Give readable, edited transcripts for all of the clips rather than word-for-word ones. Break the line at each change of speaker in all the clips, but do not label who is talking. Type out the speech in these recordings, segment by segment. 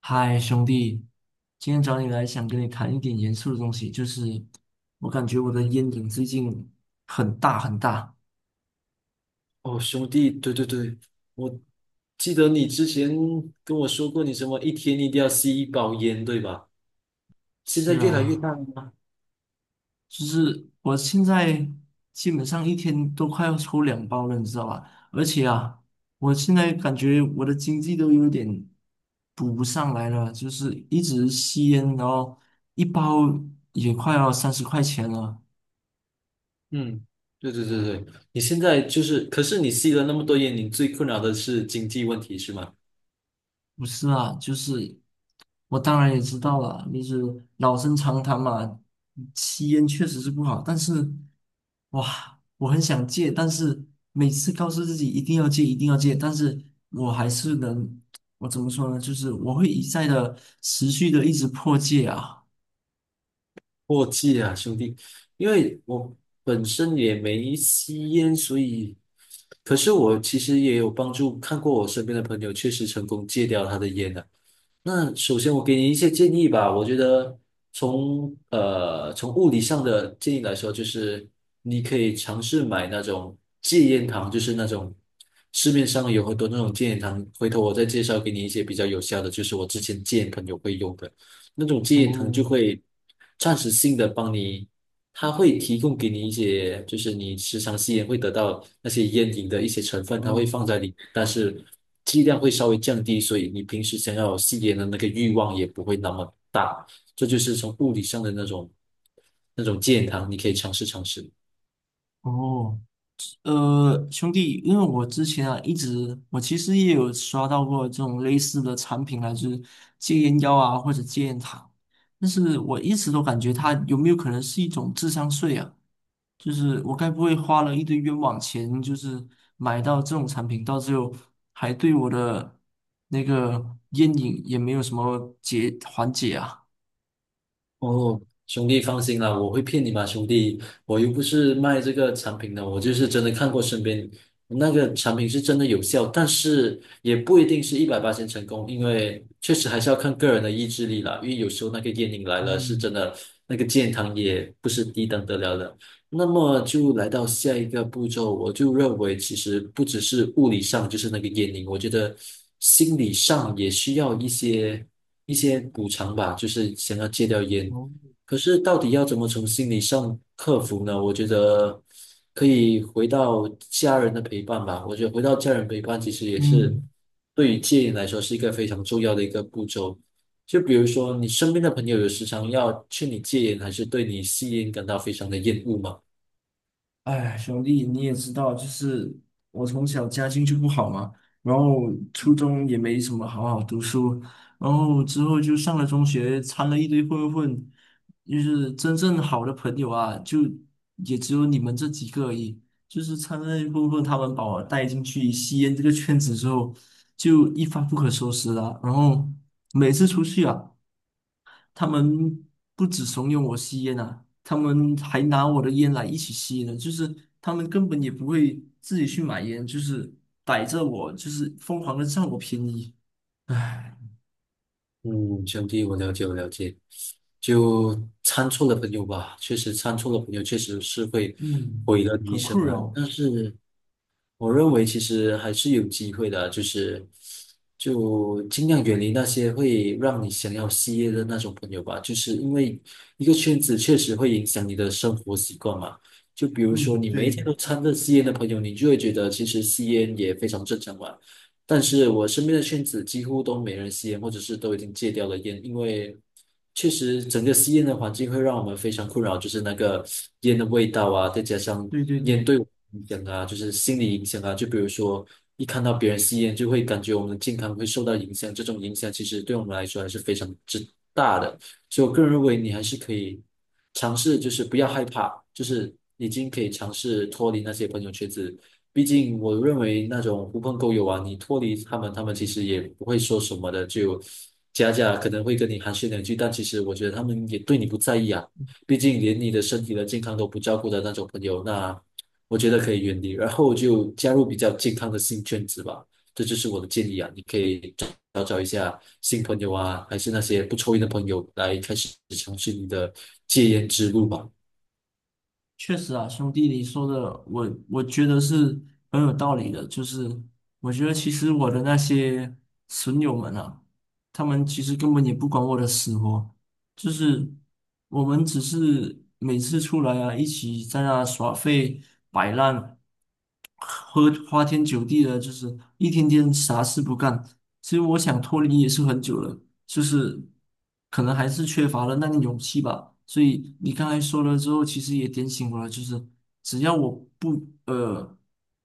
嗨，兄弟，今天找你来想跟你谈一点严肃的东西，就是我感觉我的
嗯，
烟瘾最近很大很大。
哦，兄弟，对对对，我记得你之前跟我说过，你什么一天一定要吸一包烟，对吧？现在
是
越来越
啊，
大了吗？
就是我现在基本上一天都快要抽两包了，你知道吧？而且啊，我现在感觉我的经济都有点补不上来了，就是一直吸烟，然后一包也快要三十块钱了。
嗯，对对对对，你现在就是，可是你吸了那么多烟，你最困扰的是经济问题是吗？
不是啊，就是我当然也知道了，就是老生常谈嘛，吸烟确实是不好，但是哇，我很想戒，但是每次告诉自己一定要戒，一定要戒，但是我还是能，我怎么说呢？就是我会一再的持续的一直破戒啊。
过季啊，兄弟，因为我本身也没吸烟，所以，可是我其实也有帮助，看过我身边的朋友确实成功戒掉他的烟的。那首先我给你一些建议吧，我觉得从从物理上的建议来说，就是你可以尝试买那种戒烟糖，就是那种市面上有很多那种戒烟糖，回头我再介绍给你一些比较有效的，就是我之前戒烟朋友会用的那种戒烟糖，就
哦
会暂时性的帮你它会提供给你一些，就是你时常吸烟会得到那些烟瘾的一些成分，它会
哦
放在里面但是剂量会稍微降低，所以你平时想要吸烟的那个欲望也不会那么大。这就是从物理上的那种健康，你可以尝试尝试。
哦，兄弟，因为我之前啊一直，我其实也有刷到过这种类似的产品啊，就是戒烟药啊或者戒烟糖，但是我一直都感觉它有没有可能是一种智商税啊？就是我该不会花了一堆冤枉钱，就是买到这种产品，到最后还对我的那个烟瘾也没有什么解缓解啊？
哦，兄弟放心啦，我会骗你吗，兄弟？我又不是卖这个产品的，我就是真的看过身边那个产品是真的有效，但是也不一定是一百八成成功，因为确实还是要看个人的意志力啦。因为有时候那个烟瘾来了，是真
嗯，
的，那个健康也不是低等得了的。那么就来到下一个步骤，我就认为其实不只是物理上就是那个烟瘾，我觉得心理上也需要一些补偿吧，就是想要戒掉烟。
哦，
可是到底要怎么从心理上克服呢？我觉得可以回到家人的陪伴吧。我觉得回到家人陪伴其实也是
嗯。
对于戒烟来说是一个非常重要的一个步骤。就比如说，你身边的朋友有时常要劝你戒烟，还是对你吸烟感到非常的厌恶吗？
哎，兄弟，你也知道，就是我从小家境就不好嘛，然后初中也没什么好好读书，然后之后就上了中学，掺了一堆混混，就是真正好的朋友啊，就也只有你们这几个而已。就是掺了一堆混混，他们把我带进去吸烟这个圈子之后，就一发不可收拾了。然后每次出去啊，他们不止怂恿我吸烟啊，他们还拿我的烟来一起吸呢。就是他们根本也不会自己去买烟，就是逮着我，就是疯狂的占我便宜。唉，
嗯，兄弟，我了解，我了解。就参错了朋友吧，确实参错了朋友，确实是会
嗯，
毁了你一
很
生
困
啊。
扰。
但是我认为其实还是有机会的，就是尽量远离那些会让你想要吸烟的那种朋友吧，就是因为一个圈子确实会影响你的生活习惯嘛。就比如说
嗯，
你每一
对，
天都掺着吸烟的朋友，你就会觉得其实吸烟也非常正常嘛。但是我身边的圈子几乎都没人吸烟，或者是都已经戒掉了烟，因为确实整个吸烟的环境会让我们非常困扰，就是那个烟的味道啊，再加上
对对
烟
对。
对我们的影响啊，就是心理影响啊，就比如说一看到别人吸烟，就会感觉我们的健康会受到影响，这种影响其实对我们来说还是非常之大的。所以我个人认为你还是可以尝试，就是不要害怕，就是已经可以尝试脱离那些朋友圈子。毕竟我认为那种狐朋狗友啊，你脱离他们，他们其实也不会说什么的，就假假可能会跟你寒暄两句，但其实我觉得他们也对你不在意啊。毕竟连你的身体的健康都不照顾的那种朋友，那我觉得可以远离，然后就加入比较健康的新圈子吧。这就是我的建议啊，你可以找找一下新朋友啊，还是那些不抽烟的朋友来开始尝试你的戒烟之路吧。
确实啊，兄弟，你说的我觉得是很有道理的。就是我觉得其实我的那些损友们啊，他们其实根本也不管我的死活，就是我们只是每次出来啊，一起在那耍废摆烂，喝花天酒地的，就是一天天啥事不干。其实我想脱离也是很久了，就是可能还是缺乏了那个勇气吧。所以你刚才说了之后，其实也点醒我了，就是只要我不呃，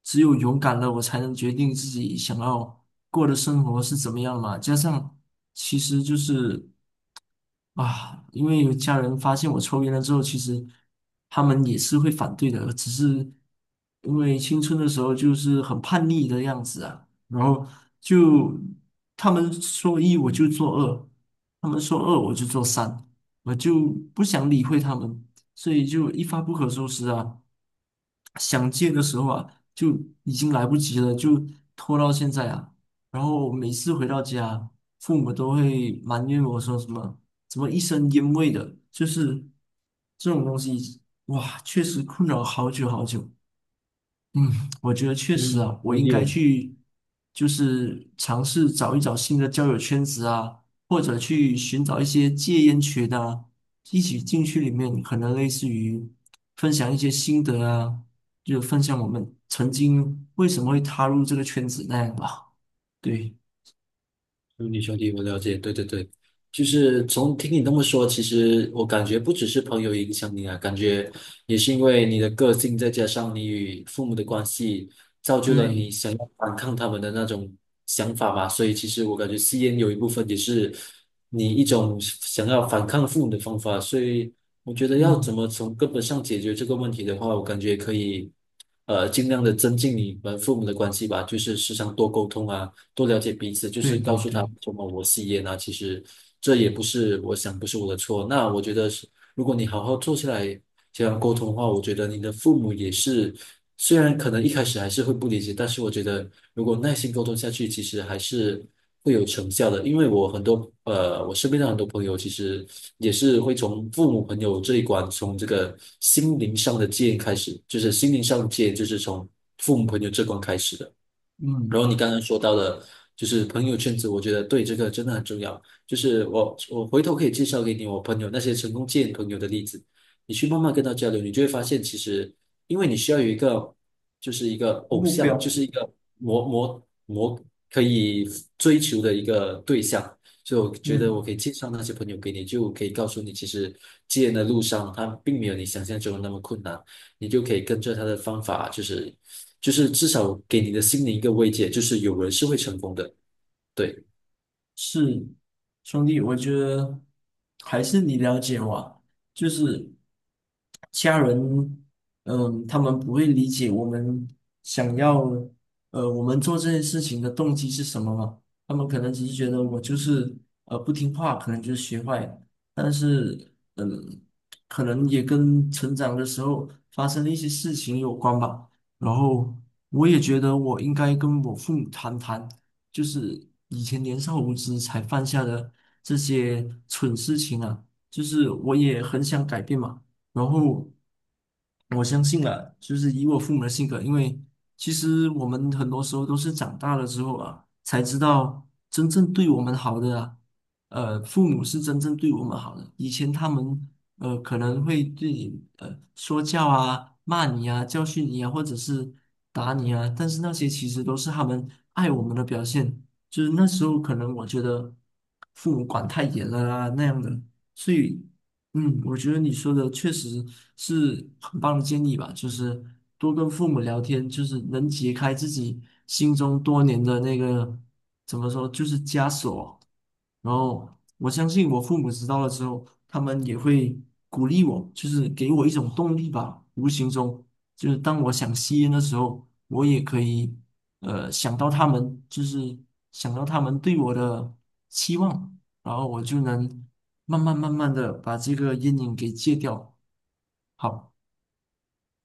只有勇敢了，我才能决定自己想要过的生活是怎么样嘛。加上其实就是。啊，因为有家人发现我抽烟了之后，其实他们也是会反对的，只是因为青春的时候就是很叛逆的样子啊，然后就他们说一我就做二，他们说二我就做三，我就不想理会他们，所以就一发不可收拾啊。想戒的时候啊，就已经来不及了，就拖到现在啊。然后每次回到家，父母都会埋怨我说什么。怎么一身烟味的？就是这种东西，哇，确实困扰好久好久。嗯，我觉得确实
嗯，
啊，我
同
应
意
该
我。
去就是尝试找一找新的交友圈子啊，或者去寻找一些戒烟群的啊，一起进去里面，可能类似于分享一些心得啊，就分享我们曾经为什么会踏入这个圈子那样吧。对
兄弟，兄弟，我了解，对对对，就是从听你那么说，其实我感觉不只是朋友影响你啊，感觉也是因为你的个性，再加上你与父母的关系，造就了你
对，
想要反抗他们的那种想法吧。所以其实我感觉吸烟有一部分也是你一种想要反抗父母的方法。所以我觉得要怎
嗯，
么从根本上解决这个问题的话，我感觉可以。尽量的增进你们父母的关系吧，就是时常多沟通啊，多了解彼此，就
对
是告
对
诉
对，
他什么我吸烟啊，其实这也不是我想不是我的错。那我觉得是，如果你好好坐下来这样沟通的话，我觉得你的父母也是，虽然可能一开始还是会不理解，但是我觉得如果耐心沟通下去，其实还是会有成效的。因为我很多我身边的很多朋友其实也是会从父母朋友这一关，从这个心灵上的戒开始，就是心灵上的戒，就是从父母朋友这关开始的。然
嗯，
后你刚刚说到的，就是朋友圈子，我觉得对这个真的很重要。就是我回头可以介绍给你我朋友那些成功见朋友的例子，你去慢慢跟他交流，你就会发现，其实因为你需要有一个就是一个偶
目
像，就
标，
是一个模模模可以追求的一个对象，就我觉得
嗯。
我可以介绍那些朋友给你，就可以告诉你，其实戒烟的路上，他并没有你想象中的那么困难，你就可以跟着他的方法，就是至少给你的心灵一个慰藉，就是有人是会成功的。对。
是，兄弟，我觉得还是你了解我啊，就是家人，嗯，他们不会理解我们想要，我们做这件事情的动机是什么嘛？他们可能只是觉得我就是不听话，可能就是学坏，但是嗯，可能也跟成长的时候发生的一些事情有关吧。然后我也觉得我应该跟我父母谈谈。就是以前年少无知才犯下的这些蠢事情啊，就是我也很想改变嘛。然后我相信了，就是以我父母的性格，因为其实我们很多时候都是长大了之后啊，才知道真正对我们好的啊，父母是真正对我们好的。以前他们可能会对你说教啊、骂你啊、教训你啊，或者是打你啊，但是那些其实都是他们爱我们的表现。就是那时候可能我觉得父母管太严了啊那样的，所以。嗯，我觉得你说的确实是很棒的建议吧，就是多跟父母聊天，就是能解开自己心中多年的那个，怎么说，就是枷锁。然后我相信我父母知道了之后，他们也会鼓励我，就是给我一种动力吧。无形中，就是当我想吸烟的时候，我也可以想到他们，就是想到他们对我的期望，然后我就能慢慢慢慢的把这个阴影给戒掉。好，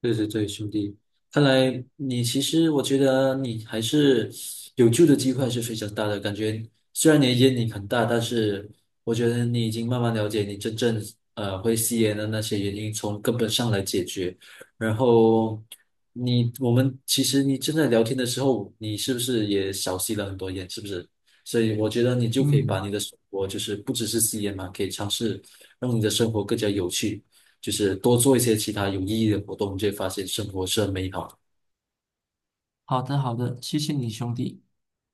对对对，兄弟，看来你其实我觉得你还是有救的机会还是非常大的。感觉虽然你的烟瘾很大，但是我觉得你已经慢慢了解你真正会吸烟的那些原因，从根本上来解决。然后我们其实你正在聊天的时候，你是不是也少吸了很多烟？是不是？所以我觉得你就可以把
嗯，
你的生活就是不只是吸烟嘛，可以尝试让你的生活更加有趣。就是多做一些其他有意义的活动，你就会发现生活是很美好的。
好的好的，谢谢你兄弟。